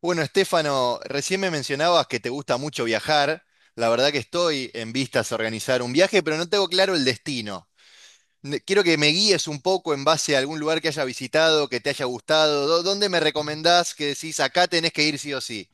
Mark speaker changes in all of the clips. Speaker 1: Bueno, Estefano, recién me mencionabas que te gusta mucho viajar. La verdad que estoy en vistas a organizar un viaje, pero no tengo claro el destino. Quiero que me guíes un poco en base a algún lugar que haya visitado, que te haya gustado. ¿Dónde me recomendás que decís acá tenés que ir sí o sí?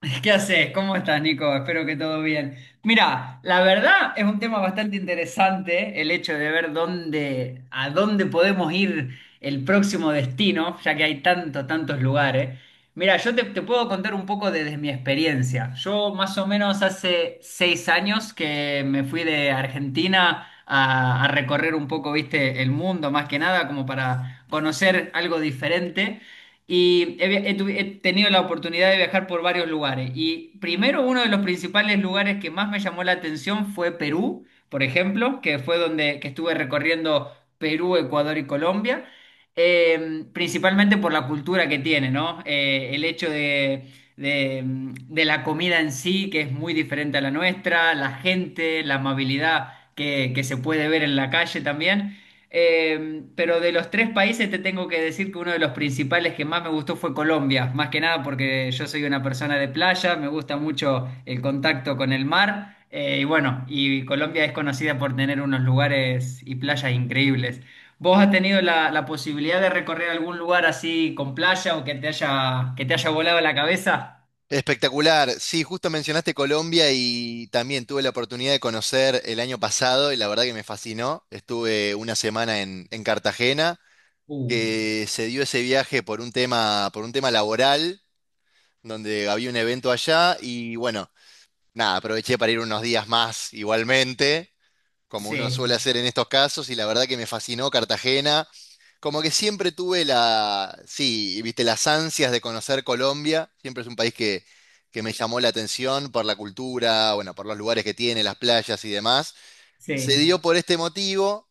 Speaker 2: ¿Qué haces? ¿Cómo estás, Nico? Espero que todo bien. Mira, la verdad es un tema bastante interesante el hecho de ver dónde, a dónde podemos ir el próximo destino, ya que hay tantos, tantos lugares. Mira, yo te puedo contar un poco desde mi experiencia. Yo más o menos hace 6 años que me fui de Argentina a recorrer un poco, viste, el mundo, más que nada, como para conocer algo diferente. He tenido la oportunidad de viajar por varios lugares. Y primero, uno de los principales lugares que más me llamó la atención fue Perú, por ejemplo, que fue donde que estuve recorriendo Perú, Ecuador y Colombia, principalmente por la cultura que tiene, ¿no? El hecho de la comida en sí, que es muy diferente a la nuestra, la gente, la amabilidad que se puede ver en la calle también. Pero de los tres países te tengo que decir que uno de los principales que más me gustó fue Colombia, más que nada porque yo soy una persona de playa, me gusta mucho el contacto con el mar, y bueno, y Colombia es conocida por tener unos lugares y playas increíbles. ¿Vos has tenido la posibilidad de recorrer algún lugar así con playa o que te haya volado la cabeza?
Speaker 1: Espectacular. Sí, justo mencionaste Colombia y también tuve la oportunidad de conocer el año pasado y la verdad que me fascinó. Estuve una semana en Cartagena,
Speaker 2: Uh,
Speaker 1: que se dio ese viaje por un tema laboral donde había un evento allá y bueno, nada, aproveché para ir unos días más igualmente, como uno
Speaker 2: sí,
Speaker 1: suele hacer en estos casos, y la verdad que me fascinó Cartagena. Como que siempre tuve sí, viste, las ansias de conocer Colombia, siempre es un país que me llamó la atención por la cultura, bueno, por los lugares que tiene, las playas y demás. Se
Speaker 2: sí,
Speaker 1: dio por este motivo.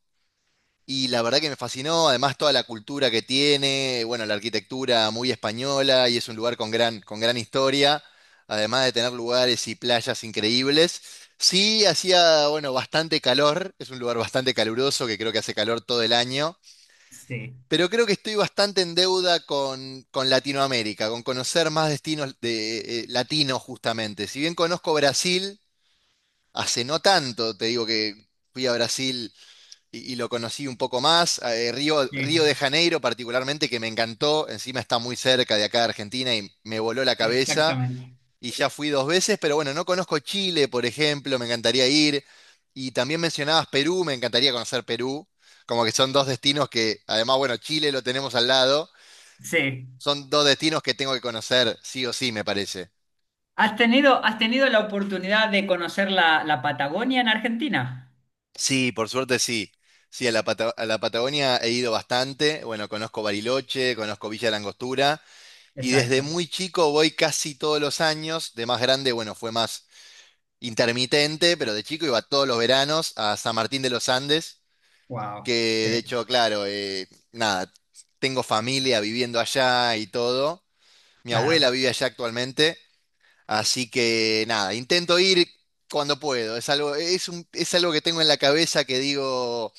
Speaker 1: Y la verdad que me fascinó, además toda la cultura que tiene, bueno, la arquitectura muy española y es un lugar con gran historia, además de tener lugares y playas increíbles. Sí, hacía, bueno, bastante calor, es un lugar bastante caluroso que creo que hace calor todo el año,
Speaker 2: sí,
Speaker 1: pero creo que estoy bastante en deuda con Latinoamérica, con conocer más destinos de, latinos justamente. Si bien conozco Brasil, hace no tanto, te digo que fui a Brasil y lo conocí un poco más. Río,
Speaker 2: sí,
Speaker 1: Río de Janeiro particularmente, que me encantó, encima está muy cerca de acá de Argentina y me voló la cabeza.
Speaker 2: exactamente.
Speaker 1: Y ya fui dos veces, pero bueno, no conozco Chile, por ejemplo, me encantaría ir. Y también mencionabas Perú, me encantaría conocer Perú, como que son dos destinos que, además, bueno, Chile lo tenemos al lado,
Speaker 2: Sí.
Speaker 1: son dos destinos que tengo que conocer, sí o sí, me parece.
Speaker 2: Has tenido la oportunidad de conocer la Patagonia en Argentina?
Speaker 1: Sí, por suerte sí. Sí, a la Patagonia he ido bastante, bueno, conozco Bariloche, conozco Villa Langostura. Y desde
Speaker 2: Exacto.
Speaker 1: muy chico voy casi todos los años. De más grande, bueno, fue más intermitente, pero de chico iba todos los veranos a San Martín de los Andes,
Speaker 2: Wow.
Speaker 1: que de
Speaker 2: Sí,
Speaker 1: hecho, claro, nada, tengo familia viviendo allá y todo. Mi
Speaker 2: claro.
Speaker 1: abuela vive allá actualmente, así que nada, intento ir cuando puedo. Es algo, es algo que tengo en la cabeza que digo,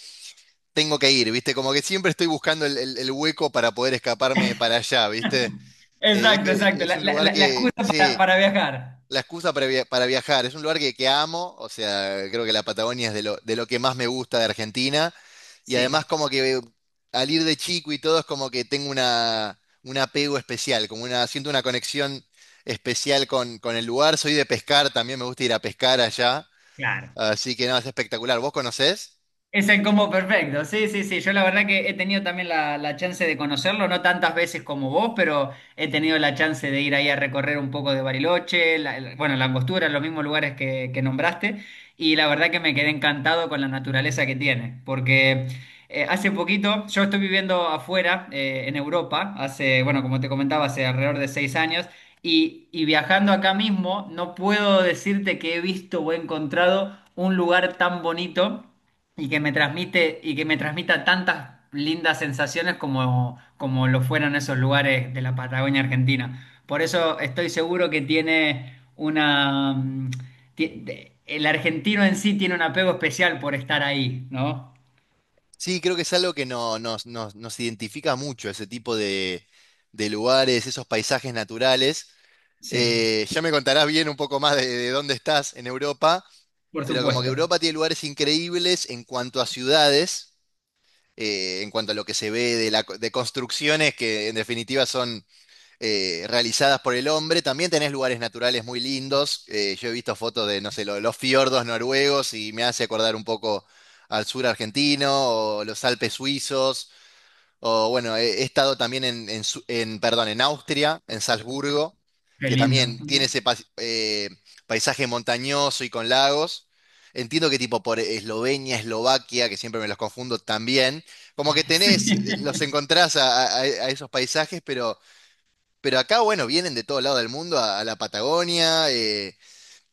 Speaker 1: tengo que ir, ¿viste? Como que siempre estoy buscando el hueco para poder escaparme para allá, ¿viste? Eh, es,
Speaker 2: Exacto,
Speaker 1: que-
Speaker 2: exacto.
Speaker 1: es
Speaker 2: La,
Speaker 1: un
Speaker 2: la-
Speaker 1: lugar
Speaker 2: la- la excusa
Speaker 1: que,
Speaker 2: para,
Speaker 1: sí.
Speaker 2: para viajar.
Speaker 1: La excusa para viajar. Es un lugar que amo, o sea, creo que la Patagonia es de lo que más me gusta de Argentina. Y
Speaker 2: Sí,
Speaker 1: además como que al ir de chico y todo es como que tengo un apego especial, siento una conexión especial con el lugar. Soy de pescar, también me gusta ir a pescar allá.
Speaker 2: claro.
Speaker 1: Así que no, es espectacular. ¿Vos conocés?
Speaker 2: Es el combo perfecto, sí, sí, sí. Yo la verdad que he tenido también la chance de conocerlo, no tantas veces como vos, pero he tenido la chance de ir ahí a recorrer un poco de Bariloche, bueno, la Angostura, los mismos lugares que nombraste, y la verdad que me quedé encantado con la naturaleza que tiene, porque hace poquito, yo estoy viviendo afuera, en Europa, hace, bueno, como te comentaba, hace alrededor de 6 años, y viajando acá mismo, no puedo decirte que he visto o he encontrado un lugar tan bonito y que me transmita tantas lindas sensaciones como, como lo fueron esos lugares de la Patagonia Argentina. Por eso estoy seguro que tiene una el argentino en sí tiene un apego especial por estar ahí, ¿no?
Speaker 1: Sí, creo que es algo que no, nos, nos, nos identifica mucho, ese tipo de lugares, esos paisajes naturales.
Speaker 2: Sí,
Speaker 1: Ya me contarás bien un poco más de dónde estás en Europa,
Speaker 2: por
Speaker 1: pero como que
Speaker 2: supuesto.
Speaker 1: Europa tiene lugares increíbles en cuanto a ciudades, en cuanto a lo que se ve de construcciones que en definitiva son realizadas por el hombre. También tenés lugares naturales muy lindos. Yo he visto fotos de, no sé, los fiordos noruegos y me hace acordar un poco al sur argentino o los Alpes suizos. O bueno, he estado también en, perdón, en Austria, en Salzburgo,
Speaker 2: Qué
Speaker 1: que
Speaker 2: lindo.
Speaker 1: también tiene ese paisaje montañoso y con lagos. Entiendo que tipo por Eslovenia, Eslovaquia, que siempre me los confundo también. Como que tenés,
Speaker 2: Sí,
Speaker 1: los encontrás a esos paisajes, pero acá, bueno, vienen de todo lado del mundo, a la Patagonia,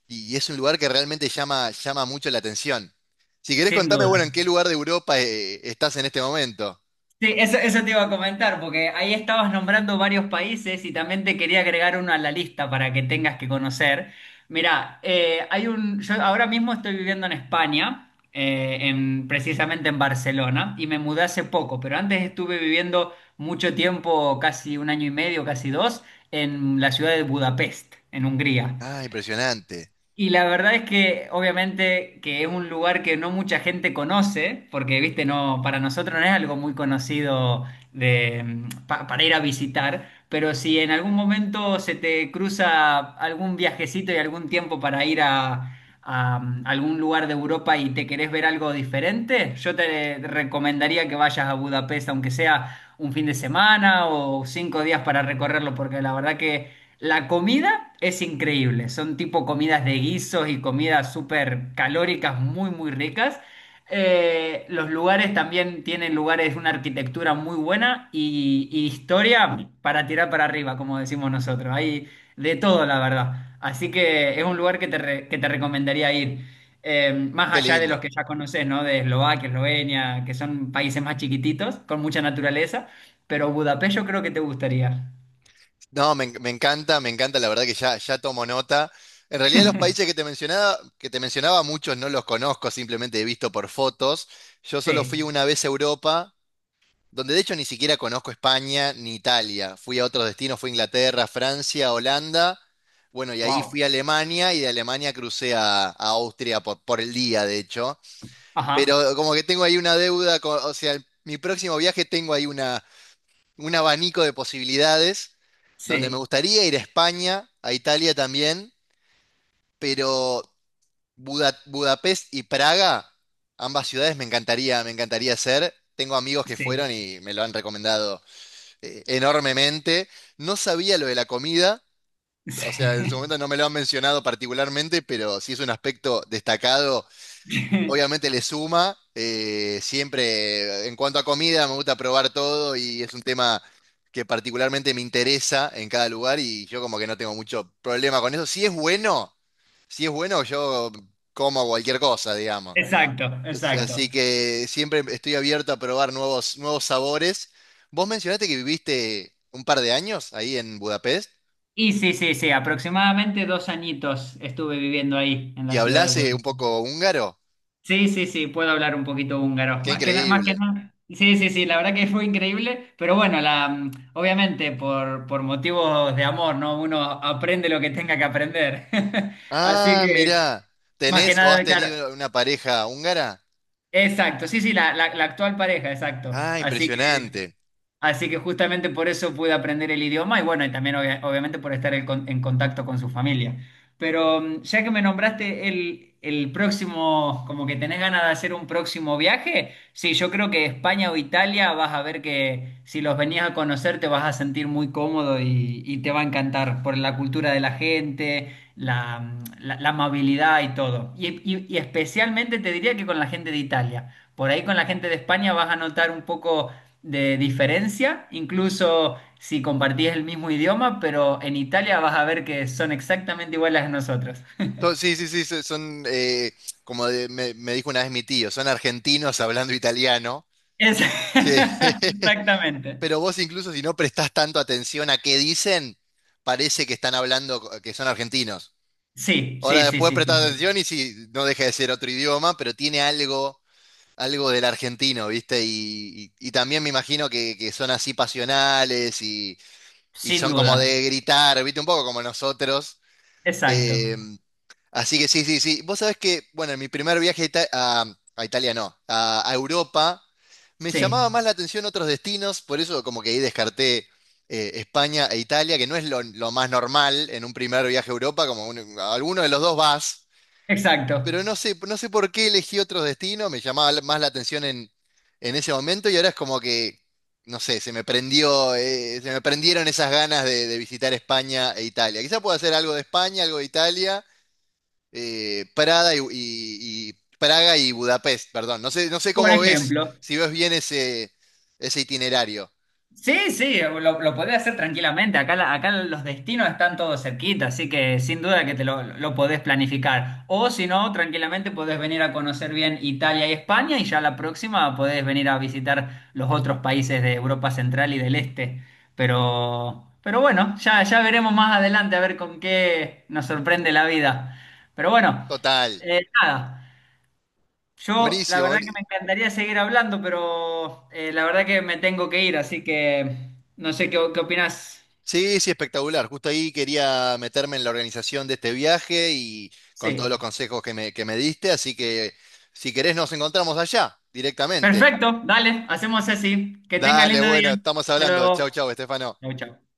Speaker 1: y es un lugar que realmente llama mucho la atención. Si querés
Speaker 2: sin
Speaker 1: contarme,
Speaker 2: duda.
Speaker 1: bueno, en qué lugar de Europa, estás en este momento.
Speaker 2: Sí, eso te iba a comentar, porque ahí estabas nombrando varios países y también te quería agregar uno a la lista para que tengas que conocer. Mirá, yo ahora mismo estoy viviendo en España, precisamente en Barcelona, y me mudé hace poco, pero antes estuve viviendo mucho tiempo, casi un año y medio, casi dos, en la ciudad de Budapest, en Hungría.
Speaker 1: Ah, impresionante.
Speaker 2: Y la verdad es que obviamente que es un lugar que no mucha gente conoce, porque viste, no, para nosotros no es algo muy conocido para ir a visitar, pero si en algún momento se te cruza algún viajecito y algún tiempo para ir a algún lugar de Europa y te querés ver algo diferente, yo te recomendaría que vayas a Budapest, aunque sea un fin de semana o 5 días para recorrerlo, porque la verdad que... La comida es increíble, son tipo comidas de guisos y comidas súper calóricas, muy, muy ricas. Los lugares también tienen lugares, una arquitectura muy buena y historia para tirar para arriba, como decimos nosotros. Hay de todo, la verdad. Así que es un lugar que te recomendaría ir. Más
Speaker 1: Qué
Speaker 2: allá de los
Speaker 1: lindo.
Speaker 2: que ya conoces, ¿no? De Eslovaquia, Eslovenia, que son países más chiquititos, con mucha naturaleza. Pero Budapest yo creo que te gustaría.
Speaker 1: No, me encanta, la verdad que ya, ya tomo nota. En realidad los países que te mencionaba, muchos no los conozco, simplemente he visto por fotos. Yo solo fui
Speaker 2: Sí,
Speaker 1: una vez a Europa, donde de hecho ni siquiera conozco España ni Italia. Fui a otros destinos, fui a Inglaterra, Francia, Holanda. Bueno, y ahí
Speaker 2: wow.
Speaker 1: fui a Alemania y de Alemania crucé a Austria por el día, de hecho.
Speaker 2: Ajá,
Speaker 1: Pero como que tengo ahí una deuda, o sea, mi próximo viaje tengo ahí una. Un abanico de posibilidades, donde me
Speaker 2: sí,
Speaker 1: gustaría ir a España, a Italia también, pero Budapest y Praga, ambas ciudades me encantaría hacer. Tengo amigos que
Speaker 2: sí,
Speaker 1: fueron y me lo han recomendado enormemente. No sabía lo de la comida, o sea, en su
Speaker 2: sí.
Speaker 1: momento no me lo han mencionado particularmente, pero sí es un aspecto destacado, obviamente le suma. Siempre, en cuanto a comida, me gusta probar todo y es un tema que particularmente me interesa en cada lugar y yo como que no tengo mucho problema con eso. Si es bueno, yo como cualquier cosa, digamos.
Speaker 2: Exacto, exacto.
Speaker 1: Así que siempre estoy abierto a probar nuevos sabores. Vos mencionaste que viviste un par de años ahí en Budapest
Speaker 2: Y sí, sí, sí, aproximadamente 2 añitos estuve viviendo ahí, en
Speaker 1: y
Speaker 2: la ciudad de
Speaker 1: hablás un
Speaker 2: Budapest.
Speaker 1: poco húngaro.
Speaker 2: Sí, sí, sí, puedo hablar un poquito húngaro,
Speaker 1: Qué
Speaker 2: más que nada, más que
Speaker 1: increíble.
Speaker 2: nada. Sí, sí, sí, la verdad que fue increíble, pero bueno, obviamente por motivos de amor, ¿no? Uno aprende lo que tenga que aprender. Así
Speaker 1: Ah,
Speaker 2: que,
Speaker 1: mirá.
Speaker 2: más que
Speaker 1: ¿Tenés o has
Speaker 2: nada, claro.
Speaker 1: tenido una pareja húngara?
Speaker 2: Exacto, sí, sí, la actual pareja, exacto.
Speaker 1: Ah,
Speaker 2: Así
Speaker 1: impresionante.
Speaker 2: Así que justamente por eso pude aprender el idioma y bueno, y también obviamente por estar en contacto con su familia. Pero ya que me nombraste el próximo, como que tenés ganas de hacer un próximo viaje, sí, yo creo que España o Italia vas a ver que si los venías a conocer te vas a sentir muy cómodo y te va a encantar por la cultura de la gente, la amabilidad y todo. Y especialmente te diría que con la gente de Italia. Por ahí con la gente de España vas a notar un poco de diferencia, incluso si compartís el mismo idioma, pero en Italia vas a ver que son exactamente iguales a nosotros.
Speaker 1: Sí, sí, sí, son, me dijo una vez mi tío, son argentinos hablando italiano.
Speaker 2: Es-
Speaker 1: Sí.
Speaker 2: Exactamente.
Speaker 1: Pero vos incluso si no prestás tanto atención a qué dicen, parece que están hablando que son argentinos.
Speaker 2: Sí,
Speaker 1: Ahora
Speaker 2: sí, sí,
Speaker 1: después
Speaker 2: sí, sí,
Speaker 1: prestás
Speaker 2: sí.
Speaker 1: atención y si no deja de ser otro idioma, pero tiene algo del argentino, ¿viste? Y también me imagino que son así pasionales y
Speaker 2: Sin
Speaker 1: son como
Speaker 2: duda.
Speaker 1: de gritar, ¿viste? Un poco como nosotros.
Speaker 2: Exacto.
Speaker 1: eh, Así que sí, sí, sí. Vos sabés que, bueno, en mi primer viaje a Italia, no, a Europa, me
Speaker 2: Sí,
Speaker 1: llamaba más la atención otros destinos, por eso como que ahí descarté España e Italia, que no es lo más normal en un primer viaje a Europa, como a alguno de los dos vas,
Speaker 2: exacto.
Speaker 1: pero no sé, no sé por qué elegí otros destinos, me llamaba más la atención en ese momento y ahora es como que, no sé, se me prendieron esas ganas de visitar España e Italia. Quizá pueda hacer algo de España, algo de Italia Prada y- Praga y Budapest, perdón. No sé, no sé
Speaker 2: Por
Speaker 1: cómo ves,
Speaker 2: ejemplo,
Speaker 1: si ves bien ese itinerario.
Speaker 2: sí, sí, lo podés hacer tranquilamente. Acá, acá los destinos están todos cerquita, así que sin duda que te lo podés planificar. O si no, tranquilamente podés venir a conocer bien Italia y España y ya la próxima podés venir a visitar los otros países de Europa Central y del Este. Pero bueno, ya, ya veremos más adelante a ver con qué nos sorprende la vida. Pero bueno,
Speaker 1: Total.
Speaker 2: nada. Yo, la
Speaker 1: Buenísimo.
Speaker 2: verdad que me encantaría seguir hablando, pero la verdad que me tengo que ir, así que no sé qué, qué opinas.
Speaker 1: Sí, sí, espectacular. Justo ahí quería meterme en la organización de este viaje y con todos los
Speaker 2: Sí.
Speaker 1: consejos que me diste, así que si querés nos encontramos allá directamente.
Speaker 2: Perfecto, dale, hacemos así. Que tenga
Speaker 1: Dale,
Speaker 2: lindo día.
Speaker 1: bueno, estamos
Speaker 2: Hasta
Speaker 1: hablando. Chau,
Speaker 2: luego.
Speaker 1: chau, Estefano.
Speaker 2: Chau, chau.